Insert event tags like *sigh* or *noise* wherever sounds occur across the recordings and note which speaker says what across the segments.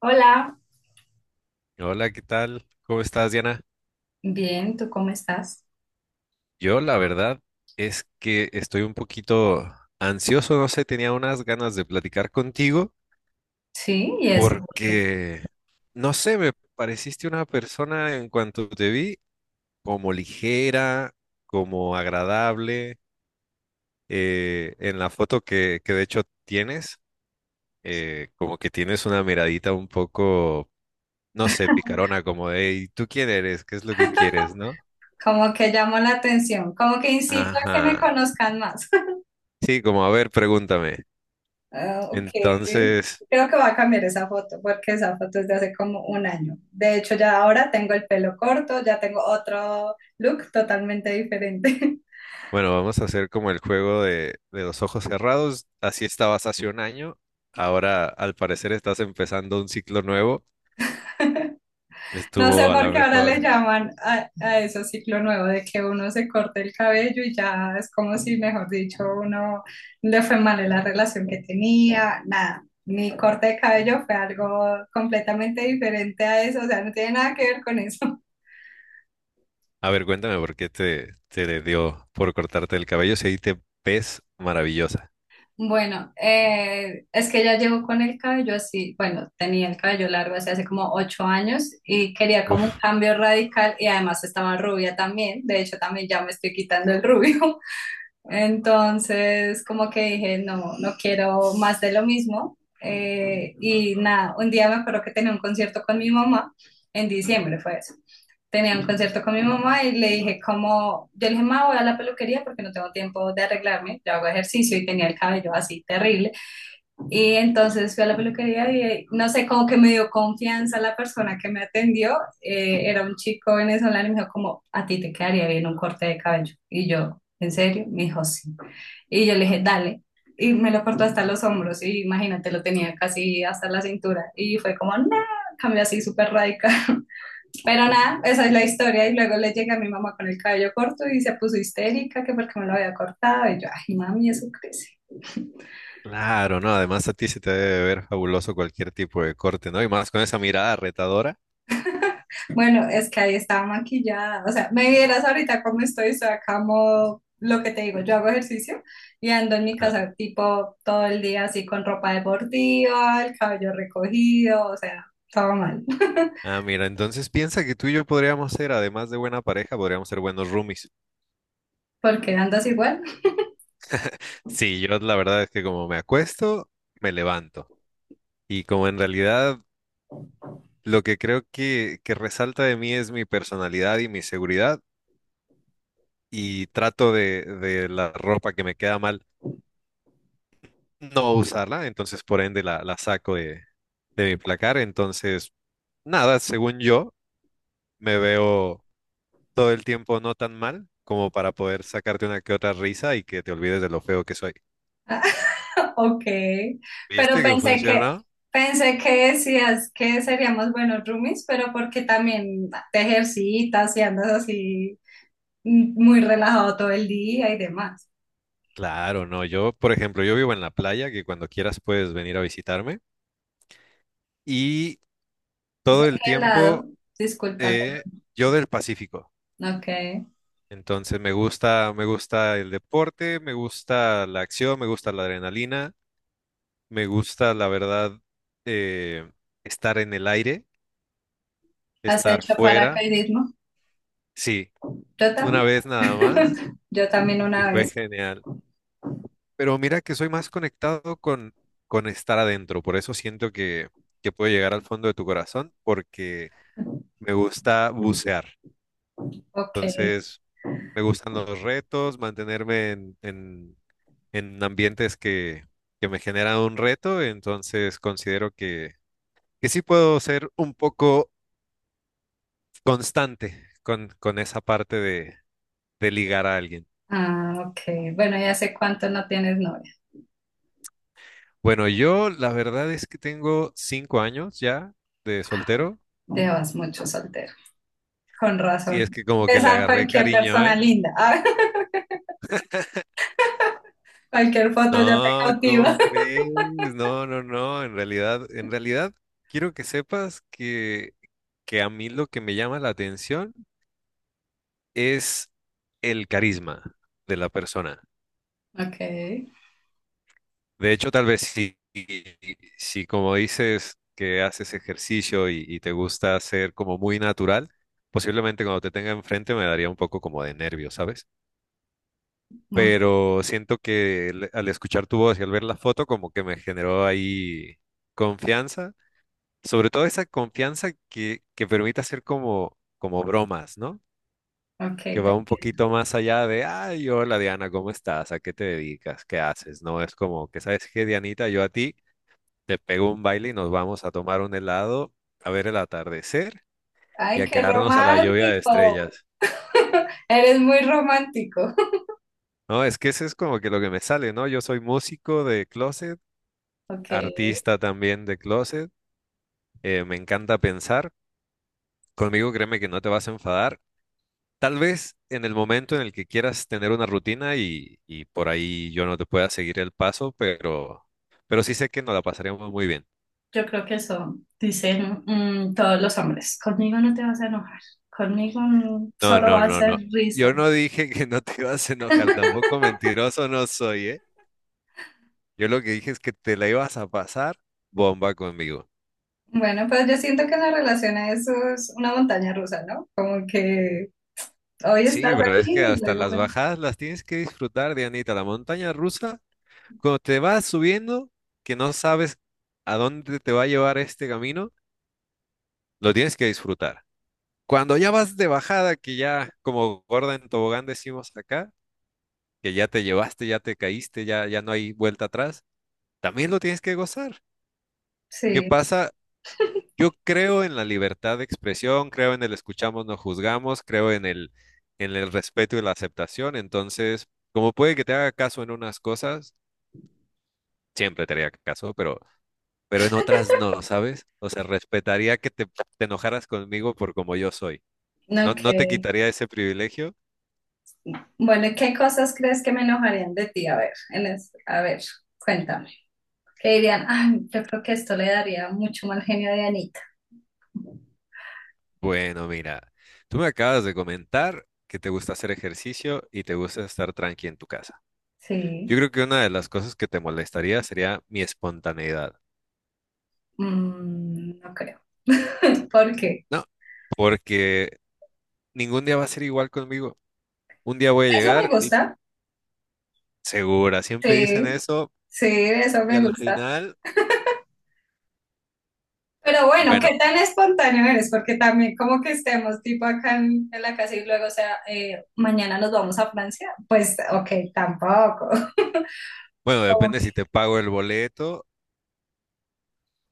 Speaker 1: Hola,
Speaker 2: Hola, ¿qué tal? ¿Cómo estás, Diana?
Speaker 1: bien, ¿tú cómo estás?
Speaker 2: Yo la verdad es que estoy un poquito ansioso, no sé, tenía unas ganas de platicar contigo
Speaker 1: Sí, y eso, porque
Speaker 2: porque, no sé, me pareciste una persona en cuanto te vi como ligera, como agradable, en la foto que de hecho tienes, como que tienes una miradita un poco, no sé, picarona, como de, "Ey, ¿tú quién eres? ¿Qué es lo que quieres, no?
Speaker 1: como que llamo la atención, como que incito a que me
Speaker 2: Ajá.
Speaker 1: conozcan más. *laughs*
Speaker 2: Sí, como a ver, pregúntame.
Speaker 1: Ah, ok,
Speaker 2: Entonces,
Speaker 1: creo que voy a cambiar esa foto, porque esa foto es de hace como un año. De hecho, ya ahora tengo el pelo corto, ya tengo otro look totalmente diferente. *laughs*
Speaker 2: bueno, vamos a hacer como el juego de los ojos cerrados. Así estabas hace un año. Ahora, al parecer, estás empezando un ciclo nuevo.
Speaker 1: No sé
Speaker 2: Estuvo a
Speaker 1: por
Speaker 2: lo
Speaker 1: qué ahora le
Speaker 2: mejor.
Speaker 1: llaman a eso ciclo nuevo, de que uno se corte el cabello y ya es como si, mejor dicho, uno le fue mal en la relación que tenía, nada. Mi corte de cabello fue algo completamente diferente a eso, o sea, no tiene nada que ver con eso. *laughs*
Speaker 2: A ver, cuéntame por qué te le dio por cortarte el cabello si ahí te ves maravillosa.
Speaker 1: Bueno, es que ya llevo con el cabello así, bueno, tenía el cabello largo así hace como 8 años y quería como un
Speaker 2: Uf,
Speaker 1: cambio radical y además estaba rubia también, de hecho también ya me estoy quitando el rubio. Entonces, como que dije, no, no quiero más de lo mismo. Y nada, un día me acuerdo que tenía un concierto con mi mamá, en diciembre fue eso. Tenía un concierto con mi mamá y le dije, como, yo le dije, ma, voy a la peluquería porque no tengo tiempo de arreglarme, yo hago ejercicio y tenía el cabello así terrible. Y entonces fui a la peluquería y no sé, como que me dio confianza la persona que me atendió. Era un chico venezolano y me dijo como, a ti te quedaría bien un corte de cabello. Y yo, ¿en serio? Me dijo, sí. Y yo le dije, dale. Y me lo cortó hasta los hombros y imagínate, lo tenía casi hasta la cintura. Y fue como, no, cambió así súper radical. *laughs* Pero nada, esa es la historia. Y luego le llegué a mi mamá con el cabello corto y se puso histérica que porque me lo había cortado. Y yo, ay, mami, eso crece.
Speaker 2: claro, ¿no? Además, a ti se te debe ver fabuloso cualquier tipo de corte, ¿no? Y más con esa mirada retadora.
Speaker 1: Bueno, es que ahí estaba maquillada. O sea, me vieras ahorita cómo estoy, estoy acá como lo que te digo, yo hago ejercicio y ando en mi
Speaker 2: Ajá.
Speaker 1: casa tipo todo el día así con ropa deportiva, el cabello recogido, o sea, todo mal. *laughs*
Speaker 2: Ah, mira, entonces piensa que tú y yo podríamos ser, además de buena pareja, podríamos ser buenos roomies.
Speaker 1: ¿Por qué andas igual?
Speaker 2: Sí, yo la verdad es que como me acuesto, me levanto. Y como en realidad lo que creo que resalta de mí es mi personalidad y mi seguridad, y trato de la ropa que me queda mal no usarla, entonces por ende la saco de mi placar. Entonces, nada, según yo, me veo todo el tiempo no tan mal como para poder sacarte una que otra risa y que te olvides de lo feo que soy.
Speaker 1: *laughs* Ok, pero
Speaker 2: ¿Viste que
Speaker 1: pensé que
Speaker 2: funcionó?
Speaker 1: pensé que decías que seríamos buenos roomies, pero porque también te ejercitas y andas así muy relajado todo el día y demás.
Speaker 2: Claro, no, yo, por ejemplo, yo vivo en la playa, que cuando quieras puedes venir a visitarme, y
Speaker 1: ¿De
Speaker 2: todo el
Speaker 1: qué lado?
Speaker 2: tiempo
Speaker 1: Disculpa.
Speaker 2: eh, yo del Pacífico.
Speaker 1: Ok.
Speaker 2: Entonces me gusta el deporte, me gusta la acción, me gusta la adrenalina, me gusta, la verdad, eh, estar en el aire,
Speaker 1: ¿Has
Speaker 2: estar
Speaker 1: hecho
Speaker 2: fuera.
Speaker 1: paracaidismo?
Speaker 2: Sí,
Speaker 1: Yo
Speaker 2: una
Speaker 1: también,
Speaker 2: vez nada más,
Speaker 1: yo también
Speaker 2: y
Speaker 1: una
Speaker 2: fue
Speaker 1: vez.
Speaker 2: genial. Pero mira que soy más conectado con estar adentro, por eso siento que puedo llegar al fondo de tu corazón, porque me gusta bucear.
Speaker 1: Ok.
Speaker 2: Entonces, me gustan los retos, mantenerme en ambientes que me generan un reto. Entonces, considero que sí puedo ser un poco constante con esa parte de ligar a alguien.
Speaker 1: Ah, ok. Bueno, ¿y hace cuánto no tienes novia?
Speaker 2: Bueno, yo la verdad es que tengo 5 años ya de soltero.
Speaker 1: Llevas mucho soltero. Con
Speaker 2: Sí,
Speaker 1: razón.
Speaker 2: es que como que
Speaker 1: Ves
Speaker 2: le
Speaker 1: a
Speaker 2: agarré
Speaker 1: cualquier
Speaker 2: cariño,
Speaker 1: persona
Speaker 2: ¿eh?
Speaker 1: linda. *laughs* Cualquier foto ya te
Speaker 2: No, ¿cómo
Speaker 1: cautiva. *laughs*
Speaker 2: crees? No, no, no. En realidad, en realidad, quiero que sepas que a mí lo que me llama la atención es el carisma de la persona.
Speaker 1: Ok.
Speaker 2: De hecho, tal vez si, si como dices que haces ejercicio y te gusta ser como muy natural, posiblemente cuando te tenga enfrente me daría un poco como de nervio, ¿sabes?
Speaker 1: Ok.
Speaker 2: Pero siento que al escuchar tu voz y al ver la foto, como que me generó ahí confianza, sobre todo esa confianza que permite hacer como, como bromas, ¿no?
Speaker 1: Ok.
Speaker 2: Que
Speaker 1: te-
Speaker 2: va un poquito más allá de, ay, hola Diana, ¿cómo estás? ¿A qué te dedicas? ¿Qué haces? No es como que, ¿sabes qué, Dianita? Yo a ti te pego un baile y nos vamos a tomar un helado, a ver el atardecer y
Speaker 1: Ay,
Speaker 2: a
Speaker 1: qué
Speaker 2: quedarnos a la lluvia de
Speaker 1: romántico.
Speaker 2: estrellas.
Speaker 1: *laughs* Eres muy romántico.
Speaker 2: No, es que eso es como que lo que me sale, ¿no? Yo soy músico de closet,
Speaker 1: Ok.
Speaker 2: artista también de closet, me encanta pensar. Conmigo créeme que no te vas a enfadar. Tal vez en el momento en el que quieras tener una rutina y por ahí yo no te pueda seguir el paso, pero sí sé que nos la pasaríamos muy bien.
Speaker 1: Yo creo que eso dicen, todos los hombres. Conmigo no te vas a enojar. Conmigo,
Speaker 2: No,
Speaker 1: solo
Speaker 2: no,
Speaker 1: va a
Speaker 2: no, no.
Speaker 1: ser
Speaker 2: Yo no
Speaker 1: risas.
Speaker 2: dije *laughs* que no te ibas a enojar, tampoco mentiroso no soy, ¿eh? Yo lo que dije es que te la ibas a pasar bomba conmigo.
Speaker 1: Bueno, pues yo siento que en la relación a eso es una montaña rusa, ¿no? Como que hoy
Speaker 2: Sí,
Speaker 1: estás
Speaker 2: pero es
Speaker 1: aquí
Speaker 2: que
Speaker 1: y
Speaker 2: hasta
Speaker 1: luego,
Speaker 2: las
Speaker 1: bueno,
Speaker 2: bajadas las tienes que disfrutar, Dianita. La montaña rusa, cuando te vas subiendo, que no sabes a dónde te va a llevar este camino, lo tienes que disfrutar. Cuando ya vas de bajada, que ya como gorda en tobogán decimos acá, que ya te llevaste, ya te caíste, ya, ya no hay vuelta atrás, también lo tienes que gozar. ¿Qué
Speaker 1: sí,
Speaker 2: pasa? Yo creo en la libertad de expresión, creo en el escuchamos, no juzgamos, creo en el respeto y la aceptación. Entonces, como puede que te haga caso en unas cosas, siempre te haría caso, pero en otras no, ¿sabes? O sea, respetaría que te enojaras conmigo por como yo soy. No, no te
Speaker 1: ok.
Speaker 2: quitaría ese privilegio.
Speaker 1: Bueno, ¿y qué cosas crees que me enojarían de ti? A ver, a ver, cuéntame. Que dirían, ay, yo creo que esto le daría mucho mal genio a Dianita.
Speaker 2: Bueno, mira, tú me acabas de comentar que te gusta hacer ejercicio y te gusta estar tranqui en tu casa.
Speaker 1: Sí,
Speaker 2: Yo creo que una de las cosas que te molestaría sería mi espontaneidad,
Speaker 1: no creo. ¿Por qué?
Speaker 2: ¿no? Porque ningún día va a ser igual conmigo. Un día voy a
Speaker 1: Eso me
Speaker 2: llegar y
Speaker 1: gusta.
Speaker 2: segura, siempre dicen
Speaker 1: Sí,
Speaker 2: eso
Speaker 1: sí, eso
Speaker 2: y
Speaker 1: me
Speaker 2: al
Speaker 1: gusta.
Speaker 2: final,
Speaker 1: Pero bueno,
Speaker 2: bueno,
Speaker 1: ¿qué tan espontáneo eres? Porque también como que estemos tipo acá en la casa y luego, o sea, mañana nos vamos a Francia. Pues, ok, tampoco. *laughs*
Speaker 2: bueno,
Speaker 1: Como
Speaker 2: depende si
Speaker 1: que...
Speaker 2: te pago el boleto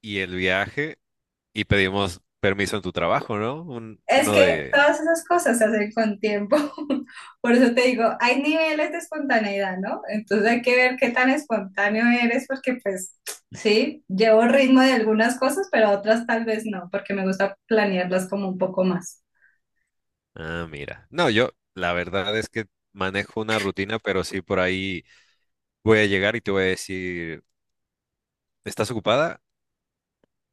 Speaker 2: y el viaje y pedimos permiso en tu trabajo, ¿no?
Speaker 1: Es
Speaker 2: Uno
Speaker 1: que
Speaker 2: de...
Speaker 1: todas esas cosas se hacen con tiempo. *laughs* Por eso te digo, hay niveles de espontaneidad, ¿no? Entonces hay que ver qué tan espontáneo eres porque pues sí, llevo ritmo de algunas cosas, pero otras tal vez no, porque me gusta planearlas como un poco más.
Speaker 2: Ah, mira. No, yo, la verdad es que manejo una rutina, pero sí por ahí voy a llegar y te voy a decir, ¿estás ocupada?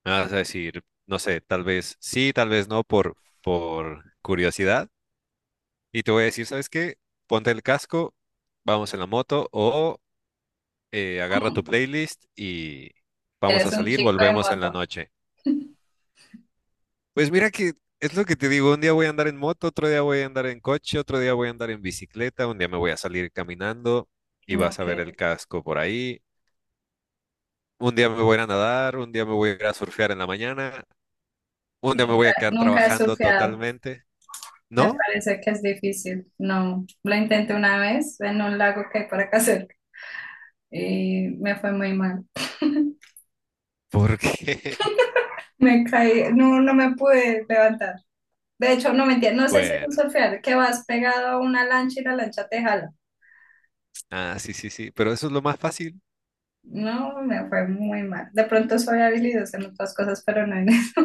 Speaker 2: Me vas a decir, no sé, tal vez sí, tal vez no, por curiosidad. Y te voy a decir, ¿sabes qué? Ponte el casco, vamos en la moto o agarra tu
Speaker 1: Mm,
Speaker 2: playlist y vamos
Speaker 1: Eres
Speaker 2: a
Speaker 1: un
Speaker 2: salir,
Speaker 1: chico de
Speaker 2: volvemos en la
Speaker 1: moto.
Speaker 2: noche. Pues mira que es lo que te digo, un día voy a andar en moto, otro día voy a andar en coche, otro día voy a andar en bicicleta, un día me voy a salir caminando y vas a
Speaker 1: Ok.
Speaker 2: ver el casco por ahí. Un día me voy a ir a nadar, un día me voy a ir a surfear en la mañana. Un día me voy a quedar
Speaker 1: Nunca he
Speaker 2: trabajando
Speaker 1: surfeado.
Speaker 2: totalmente.
Speaker 1: Me
Speaker 2: ¿No?
Speaker 1: parece que es difícil. No, lo intenté una vez en un lago que hay por acá cerca y me fue muy mal.
Speaker 2: Porque,
Speaker 1: Me caí, no, no me pude levantar. De hecho, no mentira, no
Speaker 2: *laughs*
Speaker 1: sé si es un
Speaker 2: bueno,
Speaker 1: surfear, que vas pegado a una lancha y la lancha te jala.
Speaker 2: ah, sí, sí, sí, pero eso es lo más fácil.
Speaker 1: No, me fue muy mal. De pronto soy habilidosa en otras cosas, pero no en eso.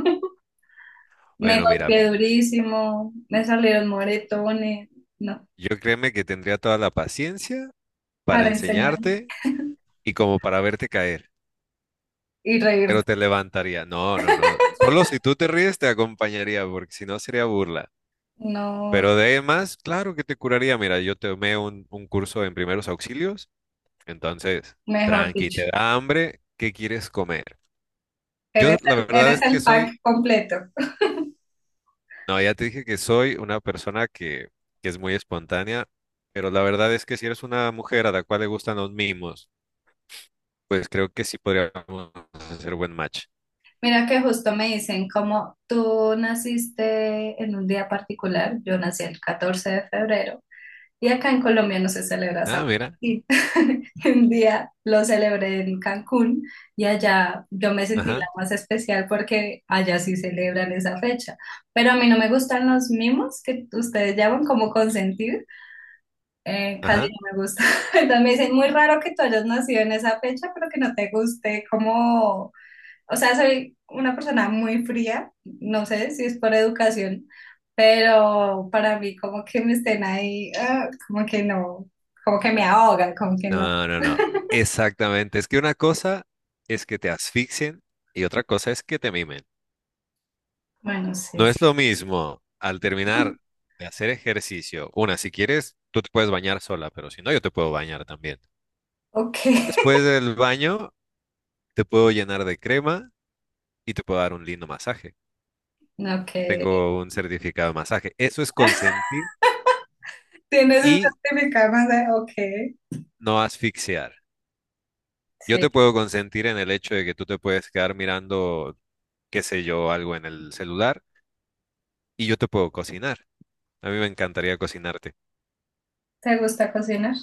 Speaker 1: Me
Speaker 2: Bueno, mira,
Speaker 1: golpeé durísimo, me salieron moretones, no,
Speaker 2: yo créeme que tendría toda la paciencia para
Speaker 1: para enseñar
Speaker 2: enseñarte y como para verte caer,
Speaker 1: y
Speaker 2: pero
Speaker 1: reírte.
Speaker 2: te levantaría. No, no, no.
Speaker 1: *laughs*
Speaker 2: Solo si tú te ríes te acompañaría, porque si no sería burla.
Speaker 1: No,
Speaker 2: Pero de ahí más, claro que te curaría. Mira, yo tomé un curso en primeros auxilios, entonces,
Speaker 1: mejor
Speaker 2: tranqui,
Speaker 1: dicho,
Speaker 2: te da hambre, ¿qué quieres comer? Yo
Speaker 1: eres
Speaker 2: la
Speaker 1: el,
Speaker 2: verdad
Speaker 1: eres
Speaker 2: es que
Speaker 1: el
Speaker 2: soy...
Speaker 1: pack completo. *laughs*
Speaker 2: No, ya te dije que soy una persona que es muy espontánea, pero la verdad es que si eres una mujer a la cual le gustan los mimos, pues creo que sí podríamos hacer buen match.
Speaker 1: Mira que justo me dicen como tú naciste en un día particular, yo nací el 14 de febrero y acá en Colombia no se celebra San
Speaker 2: Ah, mira.
Speaker 1: Valentín. *laughs* Un día lo celebré en Cancún y allá yo me sentí la
Speaker 2: Ajá,
Speaker 1: más especial porque allá sí celebran esa fecha. Pero a mí no me gustan los mimos que ustedes llaman como consentir, casi
Speaker 2: ajá.
Speaker 1: no me gusta. *laughs* Entonces me dicen, muy raro que tú hayas nacido en esa fecha, pero que no te guste como, o sea, soy una persona muy fría, no sé si es por educación, pero para mí como que me estén ahí, ah, como que no, como que me ahoga, como que no.
Speaker 2: No, no, no. Exactamente. Es que una cosa es que te asfixien y otra cosa es que te mimen.
Speaker 1: Bueno, sí,
Speaker 2: No
Speaker 1: sí.
Speaker 2: es lo mismo al terminar de hacer ejercicio. Una, si quieres, tú te puedes bañar sola, pero si no, yo te puedo bañar también.
Speaker 1: Ok.
Speaker 2: Después del baño, te puedo llenar de crema y te puedo dar un lindo masaje.
Speaker 1: *laughs* Ok.
Speaker 2: Tengo un certificado de masaje. Eso es consentir
Speaker 1: ¿Tienes un
Speaker 2: y
Speaker 1: certificado más de ok?
Speaker 2: no asfixiar. Yo
Speaker 1: Sí.
Speaker 2: te puedo consentir en el hecho de que tú te puedes quedar mirando, qué sé yo, algo en el celular y yo te puedo cocinar. A mí me encantaría cocinarte.
Speaker 1: ¿Te gusta cocinar?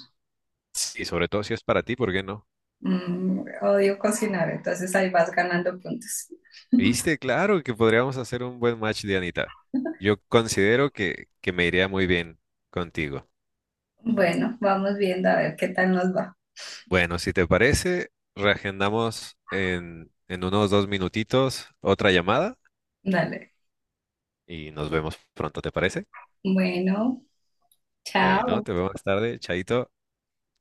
Speaker 2: Y sobre todo si es para ti, ¿por qué no?
Speaker 1: Odio cocinar, entonces ahí vas ganando puntos.
Speaker 2: Viste, claro que podríamos hacer un buen match, Dianita. Yo considero que me iría muy bien contigo.
Speaker 1: Bueno, vamos viendo a ver qué tal nos va.
Speaker 2: Bueno, si te parece, reagendamos en unos 2 minutitos otra llamada
Speaker 1: Dale.
Speaker 2: y nos vemos pronto, ¿te parece?
Speaker 1: Bueno,
Speaker 2: Bueno,
Speaker 1: chao.
Speaker 2: te veo más tarde, Chaito.